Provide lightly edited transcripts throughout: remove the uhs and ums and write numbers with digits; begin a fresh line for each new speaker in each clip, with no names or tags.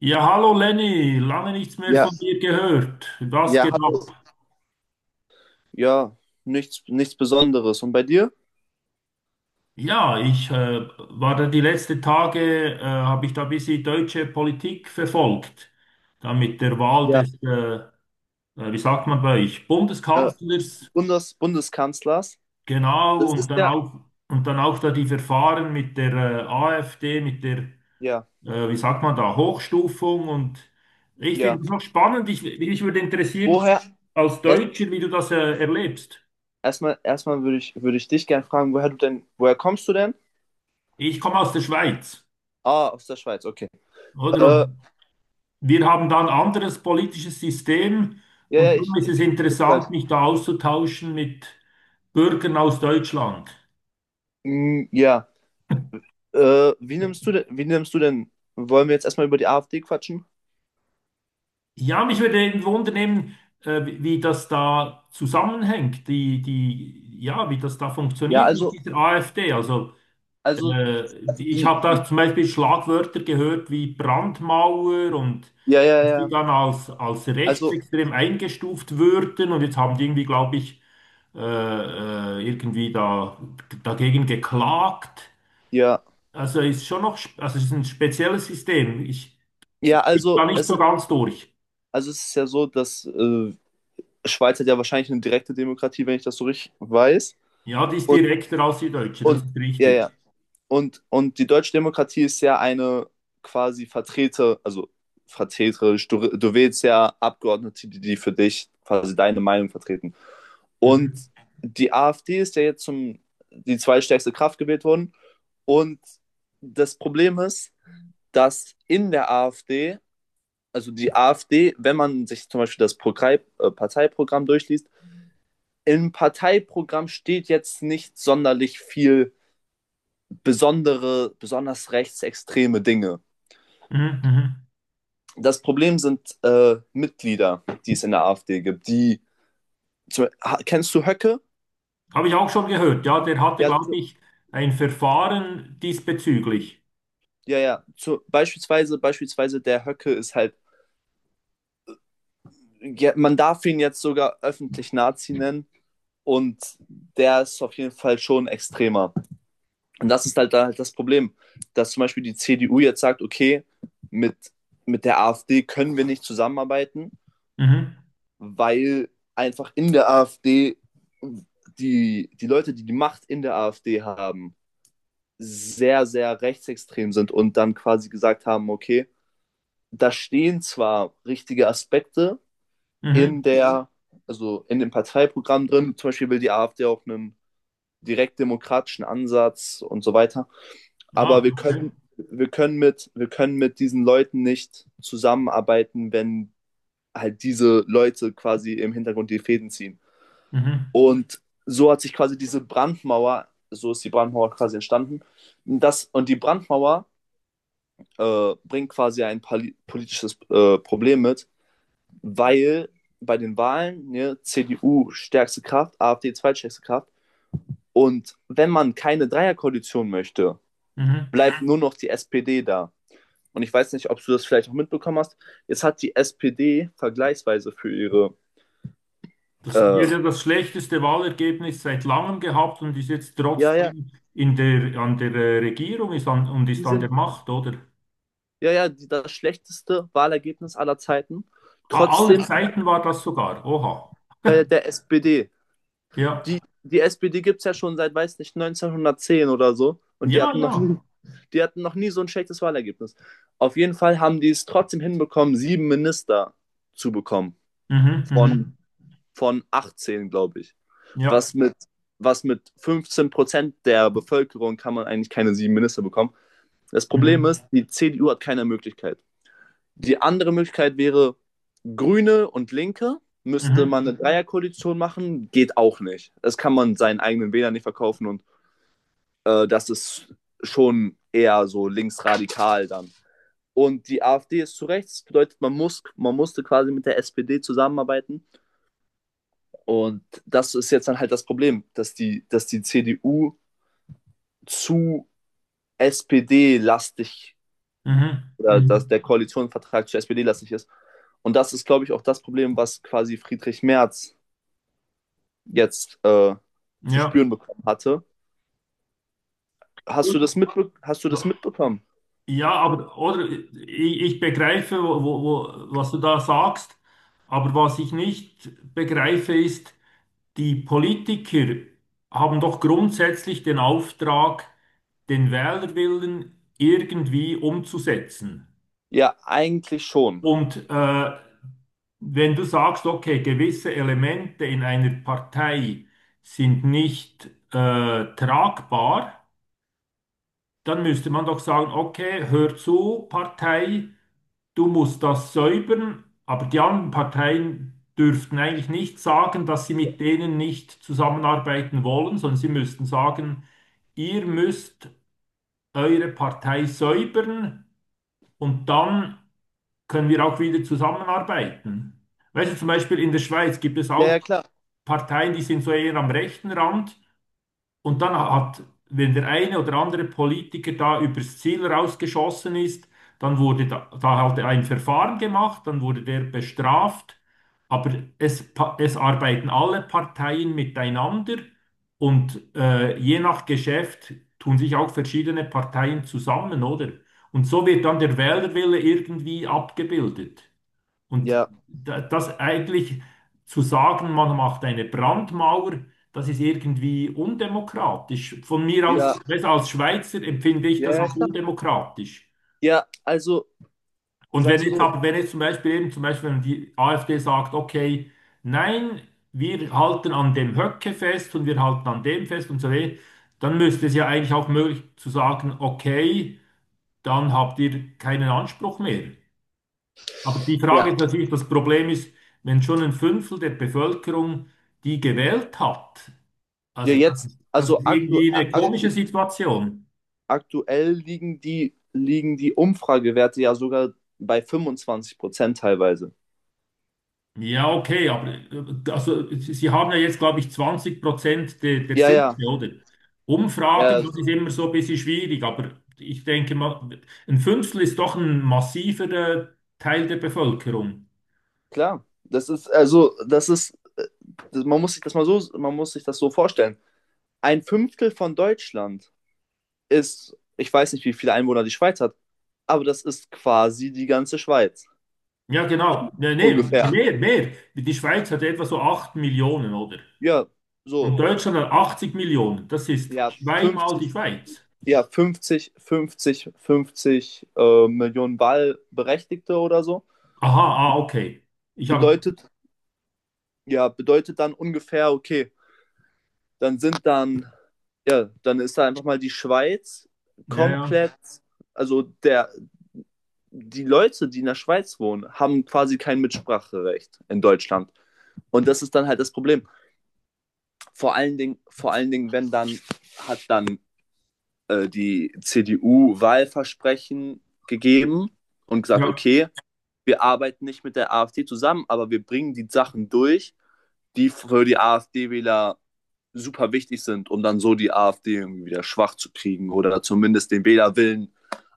Ja, hallo Lenny, lange nichts mehr
Ja,
von dir gehört. Was
ja,
geht
hallo.
ab?
Ja, nichts Besonderes. Und bei dir?
Ja, ich war da die letzten Tage, habe ich da ein bisschen deutsche Politik verfolgt. Da mit der Wahl
Ja,
des, wie sagt man bei euch,
äh,
Bundeskanzlers,
Bundeskanzlers.
genau,
Das
und
ist
dann
ja,
auch, und dann auch da die Verfahren mit der AfD, mit der,
ja,
wie sagt man da, Hochstufung. Und ich finde
ja.
es noch spannend, mich würde interessieren,
Woher,
als
erst,
Deutscher, wie du das erlebst.
erstmal würde ich dich gerne fragen, woher kommst du denn?
Ich komme aus der Schweiz,
Ah, aus der Schweiz, okay.
oder?
Äh,
Und wir haben da ein anderes politisches System
ja, ja,
und darum ist es
ich weiß.
interessant, mich da auszutauschen mit Bürgern aus Deutschland.
Mm, ja, wie nimmst du denn, wie nimmst du denn, wollen wir jetzt erstmal über die AfD quatschen?
Ja, mich würde eben wundern, wie das da zusammenhängt, die, ja, wie das da
Ja,
funktioniert mit dieser AfD. Also
also, also
Ich habe da zum Beispiel Schlagwörter gehört wie Brandmauer und
ja, ja,
die
ja,
dann als
also,
rechtsextrem eingestuft würden und jetzt haben die irgendwie, glaube ich, äh, da, dagegen geklagt.
ja,
Also ist schon noch, also es ist ein spezielles System. Ich
ja,
bin da nicht so ganz durch.
also es ist ja so, dass Schweiz hat ja wahrscheinlich eine direkte Demokratie, wenn ich das so richtig weiß.
Ja, die ist
Und,
direkter als die Deutsche, das
und
ist
ja,
richtig.
ja. Und die deutsche Demokratie ist ja eine quasi vertreterisch. Du wählst ja Abgeordnete, die für dich quasi deine Meinung vertreten. Und
Mhm.
die AfD ist ja jetzt die zweitstärkste Kraft gewählt worden. Und das Problem ist, dass in der AfD, also die AfD, wenn man sich zum Beispiel das Parteiprogramm durchliest, im Parteiprogramm steht jetzt nicht sonderlich viel besonders rechtsextreme Dinge.
Mhm. Mhm.
Das Problem sind Mitglieder, die es in der AfD gibt. Kennst du Höcke?
Habe ich auch schon gehört. Ja, der hatte,
Ja,
glaube ich, ein Verfahren diesbezüglich.
ja, ja. Beispielsweise der Höcke ist halt, ja, man darf ihn jetzt sogar öffentlich Nazi nennen und der ist auf jeden Fall schon extremer. Und das ist halt da halt das Problem, dass zum Beispiel die CDU jetzt sagt, okay, mit, mit der AfD können wir nicht zusammenarbeiten,
Mhm.
weil einfach in der AfD die Leute, die die Macht in der AfD haben, sehr, sehr rechtsextrem sind und dann quasi gesagt haben, okay, da stehen zwar richtige Aspekte in
Mhm.
der, also in dem Parteiprogramm drin, zum Beispiel will die AfD auch einen direktdemokratischen Ansatz und so weiter. Aber
Ah,
wir
okay.
können, wir können mit, wir können mit diesen Leuten nicht zusammenarbeiten, wenn halt diese Leute quasi im Hintergrund die Fäden ziehen.
Mhm.
Und so hat sich quasi diese Brandmauer, so ist die Brandmauer quasi entstanden. Und die Brandmauer bringt quasi ein politisches Problem mit, weil bei den Wahlen ne, CDU stärkste Kraft, AfD zweitstärkste Kraft. Und wenn man keine Dreierkoalition möchte,
Mhm.
bleibt nur noch die SPD da. Und ich weiß nicht, ob du das vielleicht auch mitbekommen hast, jetzt hat die SPD
Die
äh,
hat ja das schlechteste Wahlergebnis seit langem gehabt und ist jetzt
ja, ja,
trotzdem an der Regierung und
die
ist an der
sind,
Macht, oder?
ja, ja, das schlechteste Wahlergebnis aller Zeiten.
Aller
Trotzdem,
Zeiten war das sogar. Oha.
ja, ja, der SPD.
Ja.
Die SPD gibt es ja schon seit, weiß nicht, 1910 oder so. Und
Ja, ja.
die hatten noch nie so ein schlechtes Wahlergebnis. Auf jeden Fall haben die es trotzdem hinbekommen, sieben Minister zu bekommen,
Mhm. Mhm.
von, von 18, glaube ich.
Ja.
Was mit, was mit 15% der Bevölkerung kann man eigentlich keine sieben Minister bekommen. Das Problem
Mhm.
ist, die CDU hat keine Möglichkeit. Die andere Möglichkeit wäre, Grüne und Linke müsste
Mhm.
man eine Dreierkoalition machen, geht auch nicht. Das kann man seinen eigenen Wählern nicht verkaufen und das ist schon eher so linksradikal dann. Und die AfD ist zu rechts, das bedeutet, man musste quasi mit der SPD zusammenarbeiten. Und das ist jetzt dann halt das Problem, dass die CDU zu SPD-lastig
Mhm.
oder dass
Mhm.
der Koalitionsvertrag zu SPD-lastig ist. Und das ist, glaube ich, auch das Problem, was quasi Friedrich Merz jetzt zu
Ja.
spüren bekommen hatte.
Gut.
Hast du das mitbekommen?
Ja, aber oder ich begreife, was du da sagst, aber was ich nicht begreife ist, die Politiker haben doch grundsätzlich den Auftrag, den Wählerwillen irgendwie umzusetzen.
Ja, eigentlich schon.
Und wenn du sagst, okay, gewisse Elemente in einer Partei sind nicht tragbar, dann müsste man doch sagen, okay, hör zu, Partei. Du musst das säubern, aber die anderen Parteien dürften eigentlich nicht sagen, dass sie mit denen nicht zusammenarbeiten wollen, sondern sie müssten sagen, ihr müsst eure Partei säubern und dann können wir auch wieder zusammenarbeiten. Weißt du, zum Beispiel in der Schweiz gibt es
Ja,
auch
ja, klar.
Parteien, die sind so eher am rechten Rand. Und wenn der eine oder andere Politiker da übers Ziel rausgeschossen ist, dann wurde da halt ein Verfahren gemacht, dann wurde der bestraft. Aber es arbeiten alle Parteien miteinander und je nach Geschäft tun sich auch verschiedene Parteien zusammen, oder? Und so wird dann der Wählerwille irgendwie abgebildet. Und
Ja,
das eigentlich zu sagen, man macht eine Brandmauer, das ist irgendwie undemokratisch. Von mir
ja,
aus, weißt du, als Schweizer empfinde ich
ja,
das
ja,
als
klar.
undemokratisch.
Ja, also,
Und
sagen wir es mal so.
wenn jetzt zum Beispiel zum Beispiel, wenn die AfD sagt, okay, nein, wir halten an dem Höcke fest und wir halten an dem fest und so weiter, dann müsste es ja eigentlich auch möglich zu sagen, okay, dann habt ihr keinen Anspruch mehr. Aber die Frage
Ja,
ist natürlich, das Problem ist, wenn schon ein Fünftel der Bevölkerung die gewählt hat,
ja
also das
jetzt,
ist, das
also
ist
aktu
irgendwie eine
aktu
komische Situation.
aktuell liegen die Umfragewerte ja sogar bei 25% teilweise.
Ja, okay, aber also, Sie haben ja jetzt, glaube ich, 20% der
Ja, ja,
Sitze, oder?
ja,
Umfragen, das
also,
ist immer so ein bisschen schwierig, aber ich denke mal, ein Fünftel ist doch ein massiver Teil der Bevölkerung.
klar. Das ist, also, das ist, das- Man muss sich das so vorstellen. Ein Fünftel von Deutschland ist, ich weiß nicht, wie viele Einwohner die Schweiz hat, aber das ist quasi die ganze Schweiz.
Ja, genau. Nee, nee,
Ungefähr.
mehr, mehr. Die Schweiz hat etwa so 8 Millionen, oder?
Ja,
Und
so.
Deutschland hat 80 Millionen. Das ist
Ja,
zweimal
fünfzig
die Schweiz.
ja, fünfzig fünfzig fünfzig Millionen Wahlberechtigte oder so.
Aha, ah, okay. Ich habe,
Bedeutet, ja, bedeutet dann ungefähr, okay, dann sind dann, ja, dann ist da einfach mal die Schweiz
ja, ja,
komplett, also der, die Leute, die in der Schweiz wohnen, haben quasi kein Mitspracherecht in Deutschland. Und das ist dann halt das Problem. Vor allen Dingen, wenn dann hat dann die CDU Wahlversprechen gegeben und gesagt,
ja,
okay, wir arbeiten nicht mit der AfD zusammen, aber wir bringen die Sachen durch, die für die AfD-Wähler super wichtig sind, um dann so die AfD irgendwie wieder schwach zu kriegen oder zumindest den Wählerwillen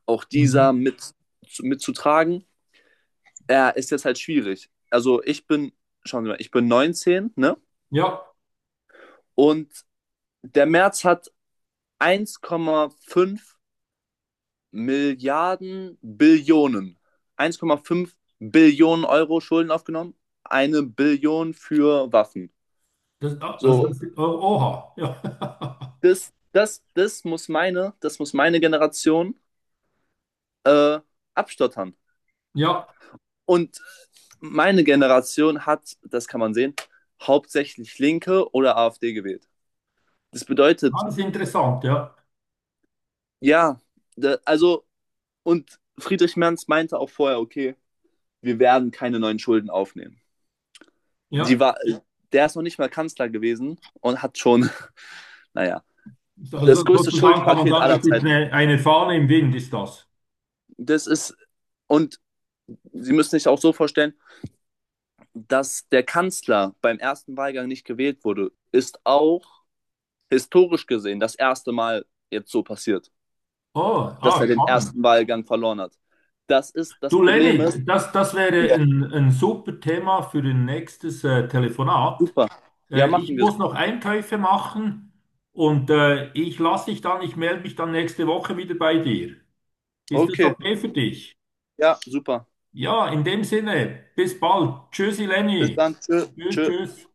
auch dieser
mhm.
mitzutragen, ja, ist jetzt halt schwierig. Also schauen Sie mal, ich bin 19, ne?
Ja,
Und der März hat 1,5 Milliarden Billionen. 1,5 Billionen Euro Schulden aufgenommen. Eine Billion für Waffen.
das, ah, also
So,
das, oh, oha, ja,
das muss meine Generation äh, abstottern.
ja,
Und meine Generation hat, das kann man sehen, hauptsächlich Linke oder AfD gewählt. Das bedeutet,
alles interessant, ja,
ja, da, also, und Friedrich Merz meinte auch vorher, okay, wir werden keine neuen Schulden aufnehmen.
ja.
Die war, Der ist noch nicht mal Kanzler gewesen und hat schon, naja, das
Also
größte
sozusagen kann man
Schuldenpaket
sagen,
aller
das ist
Zeiten.
eine Fahne im Wind, ist das.
Das ist, und Sie müssen sich auch so vorstellen, dass der Kanzler beim ersten Wahlgang nicht gewählt wurde, ist auch historisch gesehen das erste Mal jetzt so passiert,
Oh,
dass
ah,
er den
spannend.
ersten Wahlgang verloren hat. Das
Du,
Problem ist.
Lenny, das wäre
Ja.
ein super Thema für ein nächstes Telefonat.
Super. Ja, machen
Ich
wir so.
muss noch Einkäufe machen und ich melde mich dann nächste Woche wieder bei dir. Ist das
Okay,
okay für dich?
ja, super.
Ja, in dem Sinne, bis bald. Tschüssi,
Bis
Lenny.
dann. Tschö,
Tschüss,
tschö.
tschüss.